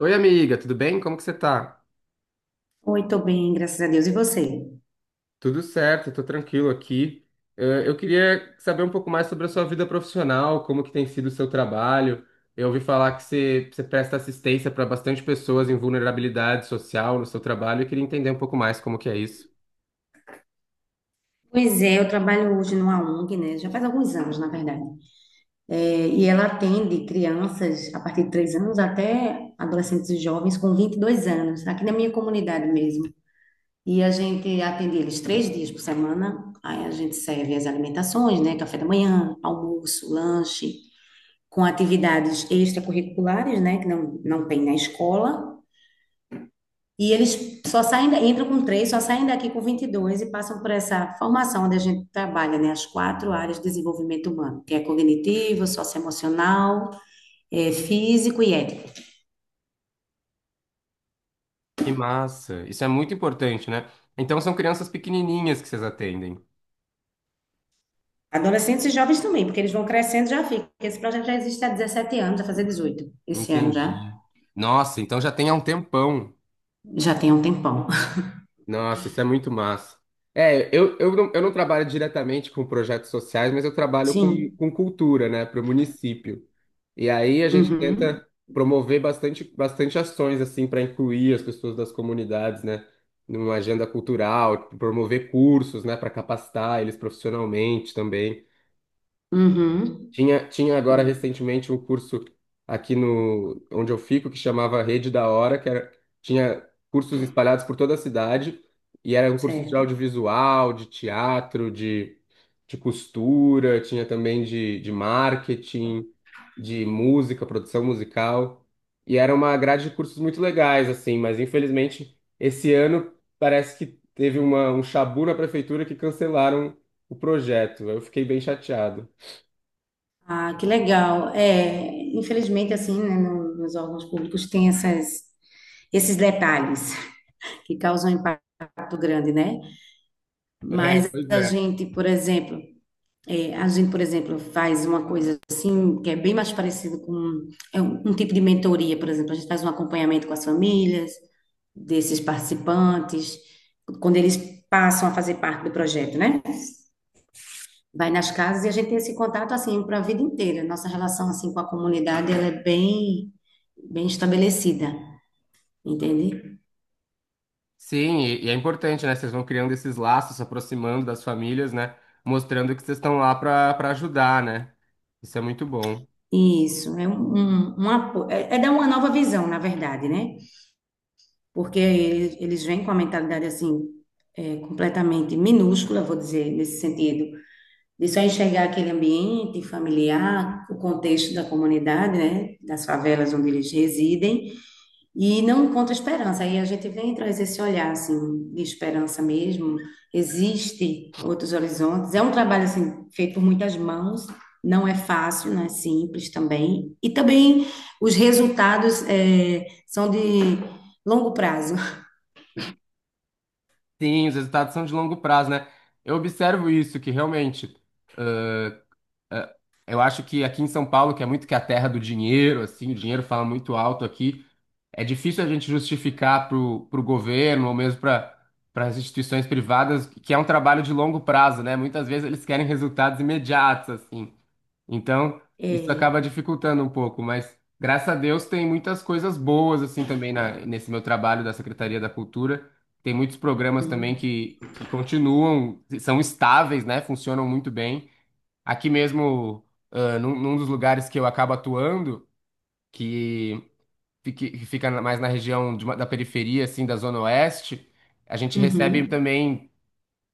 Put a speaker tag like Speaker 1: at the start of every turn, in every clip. Speaker 1: Oi, amiga, tudo bem? Como que você tá?
Speaker 2: Oi, tô bem, graças a Deus. E você?
Speaker 1: Tudo certo, tô tranquilo aqui. Eu queria saber um pouco mais sobre a sua vida profissional, como que tem sido o seu trabalho. Eu ouvi falar que você presta assistência para bastante pessoas em vulnerabilidade social no seu trabalho. Eu queria entender um pouco mais como que é isso.
Speaker 2: Pois é, eu trabalho hoje numa ONG, né? Já faz alguns anos, na verdade. É, e ela atende crianças a partir de 3 anos até adolescentes e jovens com 22 anos, aqui na minha comunidade mesmo. E a gente atende eles 3 dias por semana. Aí a gente serve as alimentações, né? Café da manhã, almoço, lanche, com atividades extracurriculares, né? Que não, não tem na escola. E eles só saem, entram com três, só saem daqui com 22 e passam por essa formação onde a gente trabalha, né? As quatro áreas de desenvolvimento humano, que é cognitivo, socioemocional, físico e ético.
Speaker 1: Que massa! Isso é muito importante, né? Então são crianças pequenininhas que vocês atendem.
Speaker 2: Adolescentes e jovens também, porque eles vão crescendo, já fica. Esse projeto já existe há 17 anos, vai fazer 18 esse ano já.
Speaker 1: Entendi. Nossa, então já tem há um tempão.
Speaker 2: Já tem um tempão.
Speaker 1: Nossa, isso é muito massa. É, eu não trabalho diretamente com projetos sociais, mas eu trabalho com,
Speaker 2: Sim.
Speaker 1: com cultura, né, para o município. E aí a gente
Speaker 2: Uhum.
Speaker 1: tenta promover bastante ações, assim, para incluir as pessoas das comunidades, né, numa agenda cultural, promover cursos, né, para capacitar eles profissionalmente também.
Speaker 2: Uhum.
Speaker 1: Tinha agora recentemente um curso aqui no onde eu fico que chamava Rede da Hora, que era, tinha cursos espalhados por toda a cidade e eram cursos de
Speaker 2: Certo.
Speaker 1: audiovisual, de teatro, de costura, tinha também de marketing, de música, produção musical. E era uma grade de cursos muito legais, assim, mas infelizmente esse ano parece que teve uma, um chabu na prefeitura que cancelaram o projeto. Eu fiquei bem chateado.
Speaker 2: Ah, que legal. É, infelizmente, assim, né, nos órgãos públicos tem essas, esses detalhes. Que causam um impacto grande, né?
Speaker 1: É,
Speaker 2: Mas
Speaker 1: pois
Speaker 2: a
Speaker 1: é.
Speaker 2: gente, por exemplo, é, a gente, por exemplo, faz uma coisa assim, que é bem mais parecido com é um tipo de mentoria, por exemplo. A gente faz um acompanhamento com as famílias desses participantes, quando eles passam a fazer parte do projeto, né? Vai nas casas e a gente tem esse contato assim para a vida inteira. Nossa relação assim com a comunidade, ela é bem bem estabelecida, entende?
Speaker 1: Sim, e é importante, né? Vocês vão criando esses laços, se aproximando das famílias, né? Mostrando que vocês estão lá para para ajudar, né? Isso é muito bom.
Speaker 2: Isso, é dar uma nova visão, na verdade, né? Porque eles vêm com a mentalidade assim, é, completamente minúscula, vou dizer, nesse sentido, de só enxergar aquele ambiente familiar, o contexto da comunidade, né? Das favelas onde eles residem, e não encontra esperança. Aí a gente vem e traz esse olhar assim de esperança mesmo. Existe outros horizontes. É um trabalho assim feito por muitas mãos. Não é fácil, não é simples também. E também os resultados são de longo prazo.
Speaker 1: Sim, os resultados são de longo prazo, né? Eu observo isso, que realmente, ãh, ãh, eu acho que aqui em São Paulo, que é muito que a terra do dinheiro, assim, o dinheiro fala muito alto aqui, é difícil a gente justificar para o governo ou mesmo para para as instituições privadas que é um trabalho de longo prazo, né? Muitas vezes eles querem resultados imediatos, assim. Então, isso acaba
Speaker 2: É.
Speaker 1: dificultando um pouco, mas graças a Deus tem muitas coisas boas assim também na- nesse meu trabalho da Secretaria da Cultura. Tem muitos programas também
Speaker 2: Hum.
Speaker 1: que continuam, são estáveis, né? Funcionam muito bem. Aqui mesmo, ah, num dos lugares que eu acabo atuando, que, fique- que fica mais na região de uma- da periferia, assim, da Zona Oeste, a gente recebe
Speaker 2: Uhum.
Speaker 1: também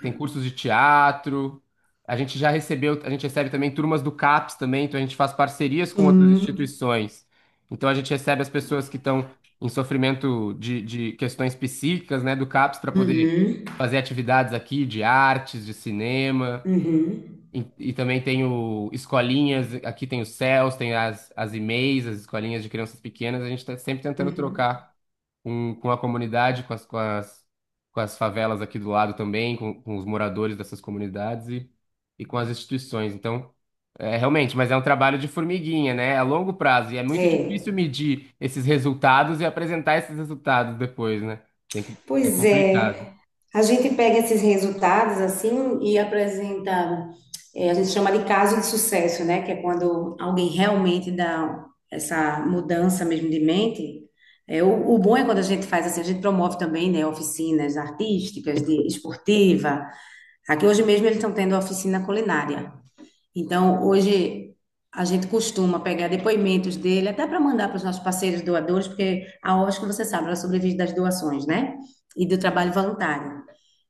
Speaker 1: tem cursos de teatro. A gente já recebeu, a gente recebe também turmas do CAPS também, então a gente faz parcerias com outras
Speaker 2: Sim.
Speaker 1: instituições. Então a gente recebe as pessoas que estão em sofrimento de questões psíquicas, né, do CAPS para poder
Speaker 2: Uhum.
Speaker 1: fazer atividades aqui de artes, de cinema.
Speaker 2: Uhum.
Speaker 1: E também tem o escolinhas, aqui tem os céus, tem as, e-mails, as escolinhas de crianças pequenas. A gente está sempre tentando
Speaker 2: Uhum.
Speaker 1: trocar com a comunidade, com as, com as, com as favelas aqui do lado também, com os moradores dessas comunidades e com as instituições. Então, é, realmente, mas é um trabalho de formiguinha, né? É a longo prazo e é muito difícil
Speaker 2: É.
Speaker 1: medir esses resultados e apresentar esses resultados depois, né? Tem que, é
Speaker 2: Pois
Speaker 1: complicado.
Speaker 2: é. A gente pega esses resultados assim e apresenta, a gente chama de caso de sucesso, né? Que é quando alguém realmente dá essa mudança mesmo de mente. É, o bom é quando a gente faz assim, a gente promove também, né, oficinas artísticas, de esportiva. Aqui hoje mesmo eles estão tendo oficina culinária. Então, hoje a gente costuma pegar depoimentos dele, até para mandar para os nossos parceiros doadores, porque a OSC, você sabe, ela sobrevive das doações, né? E do trabalho voluntário.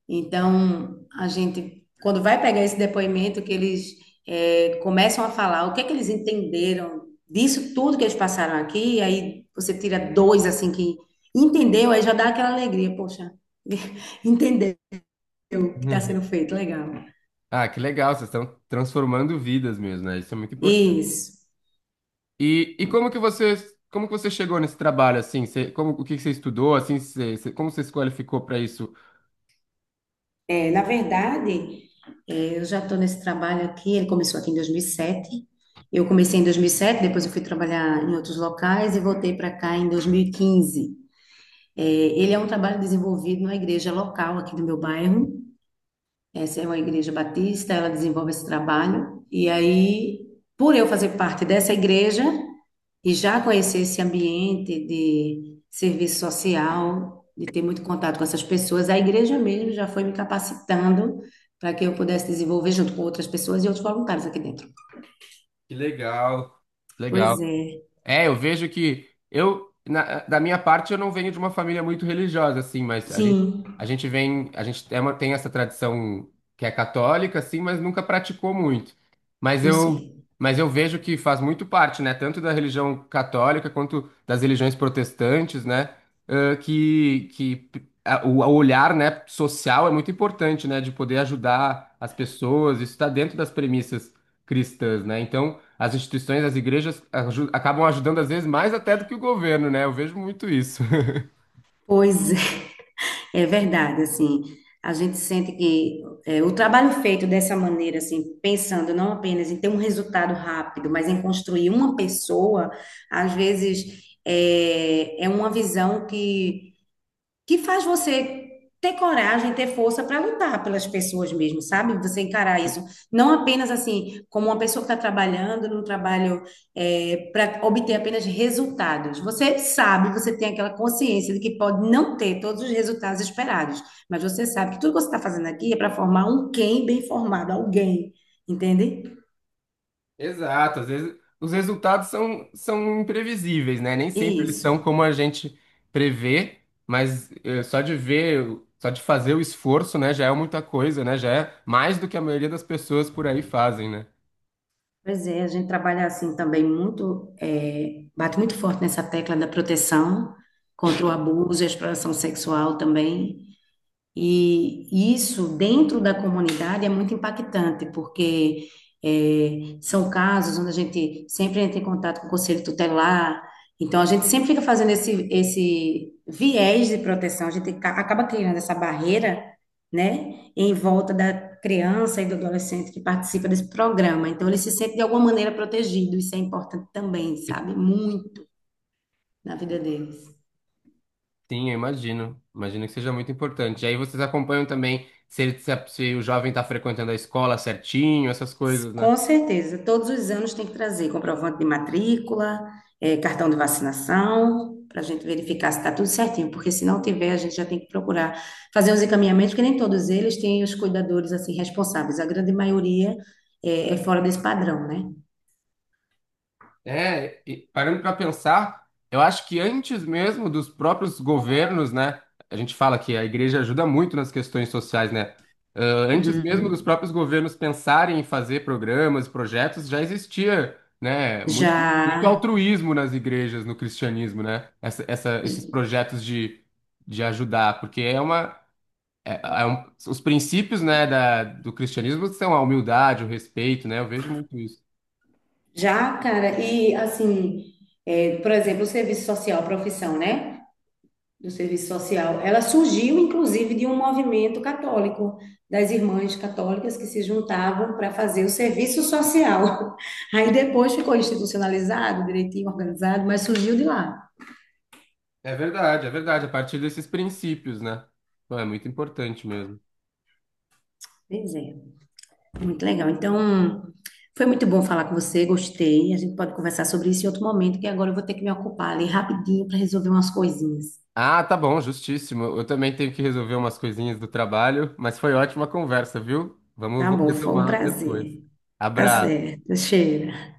Speaker 2: Então, a gente, quando vai pegar esse depoimento, que eles começam a falar o que é que eles entenderam disso tudo que eles passaram aqui, e aí você tira dois, assim, que entendeu, aí já dá aquela alegria, poxa, entendeu o que está sendo feito, legal.
Speaker 1: Ah, que legal, vocês estão transformando vidas mesmo, né? Isso é muito importante.
Speaker 2: Isso.
Speaker 1: E como que você chegou nesse trabalho, assim? Você, como, o que que você estudou, assim? Você, você- como você se qualificou para isso?
Speaker 2: É, na verdade, eu já estou nesse trabalho aqui, ele começou aqui em 2007. Eu comecei em 2007, depois eu fui trabalhar em outros locais e voltei para cá em 2015. É, ele é um trabalho desenvolvido na igreja local aqui do meu bairro. Essa é uma igreja batista, ela desenvolve esse trabalho. E aí, por eu fazer parte dessa igreja, e já conhecer esse ambiente de serviço social, de ter muito contato com essas pessoas, a igreja mesmo já foi me capacitando para que eu pudesse desenvolver junto com outras pessoas e outros voluntários aqui dentro.
Speaker 1: Que legal. Legal.
Speaker 2: Pois é,
Speaker 1: É, eu vejo que eu, na- da minha parte, eu não venho de uma família muito religiosa, assim, mas
Speaker 2: sim,
Speaker 1: a gente vem, a gente é uma- tem essa tradição que é católica, assim, mas nunca praticou muito. Mas
Speaker 2: eu
Speaker 1: eu,
Speaker 2: sei.
Speaker 1: mas eu vejo que faz muito parte, né, tanto da religião católica quanto das religiões protestantes, né, que a- o olhar, né, social é muito importante, né, de poder ajudar as pessoas, isso está dentro das premissas cristãs, né, então. As instituições, as igrejas aju- acabam ajudando às vezes mais até do que o governo, né? Eu vejo muito isso.
Speaker 2: Pois é, é verdade, assim, a gente sente que é, o trabalho feito dessa maneira, assim, pensando não apenas em ter um resultado rápido, mas em construir uma pessoa, às vezes é, é uma visão que faz você ter coragem, ter força para lutar pelas pessoas mesmo, sabe? Você encarar isso não apenas assim como uma pessoa que está trabalhando num trabalho para obter apenas resultados. Você sabe, você tem aquela consciência de que pode não ter todos os resultados esperados, mas você sabe que tudo que você está fazendo aqui é para formar um quem bem formado, alguém, entende?
Speaker 1: Exato, às vezes os resultados são, são imprevisíveis, né? Nem sempre eles
Speaker 2: Isso.
Speaker 1: são como a gente prevê, mas só de ver, só de fazer o esforço, né, já é muita coisa, né? Já é mais do que a maioria das pessoas por aí fazem, né?
Speaker 2: Pois é, a gente trabalha assim também muito, é, bate muito forte nessa tecla da proteção contra o abuso e a exploração sexual também. E isso dentro da comunidade é muito impactante, porque é, são casos onde a gente sempre entra em contato com o conselho tutelar, então a gente sempre fica fazendo esse, esse viés de proteção, a gente acaba criando essa barreira, né, em volta da criança e do adolescente que participa desse programa. Então ele se sente de alguma maneira protegido, isso é importante também, sabe? Muito na vida deles.
Speaker 1: Sim, eu imagino. Imagino que seja muito importante. E aí vocês acompanham também se, ele- se a- se o jovem está frequentando a escola certinho, essas coisas, né?
Speaker 2: Com certeza, todos os anos tem que trazer comprovante de matrícula, cartão de vacinação, para a gente verificar se está tudo certinho, porque se não tiver, a gente já tem que procurar fazer os encaminhamentos, porque nem todos eles têm os cuidadores assim responsáveis, a grande maioria é, fora desse padrão, né?
Speaker 1: É, e parando para pensar, eu acho que antes mesmo dos próprios governos, né? A gente fala que a igreja ajuda muito nas questões sociais, né? Ah, antes mesmo dos
Speaker 2: Uhum.
Speaker 1: próprios governos pensarem em fazer programas, projetos, já existia, né? Muito, muito
Speaker 2: Já,
Speaker 1: altruísmo nas igrejas, no cristianismo, né? Essa- esses projetos de ajudar, porque é uma. É- é um- os princípios, né, da, do cristianismo são a humildade, o respeito, né? Eu vejo muito isso.
Speaker 2: já, cara, e assim, por exemplo, o serviço social, profissão, né? Do serviço social. Ela surgiu, inclusive, de um movimento católico, das irmãs católicas que se juntavam para fazer o serviço social. Aí depois ficou institucionalizado, direitinho organizado, mas surgiu de lá.
Speaker 1: É verdade, é verdade. A partir desses princípios, né? Pô, é muito importante mesmo.
Speaker 2: Pois é, muito legal. Então, foi muito bom falar com você, gostei. A gente pode conversar sobre isso em outro momento, que agora eu vou ter que me ocupar ali rapidinho para resolver umas coisinhas.
Speaker 1: Ah, tá bom, justíssimo. Eu também tenho que resolver umas coisinhas do trabalho, mas foi ótima a conversa, viu? Vamos,
Speaker 2: Tá
Speaker 1: vou
Speaker 2: bom, foi um
Speaker 1: retomar depois.
Speaker 2: prazer. Tá
Speaker 1: Abraço.
Speaker 2: certo, cheira.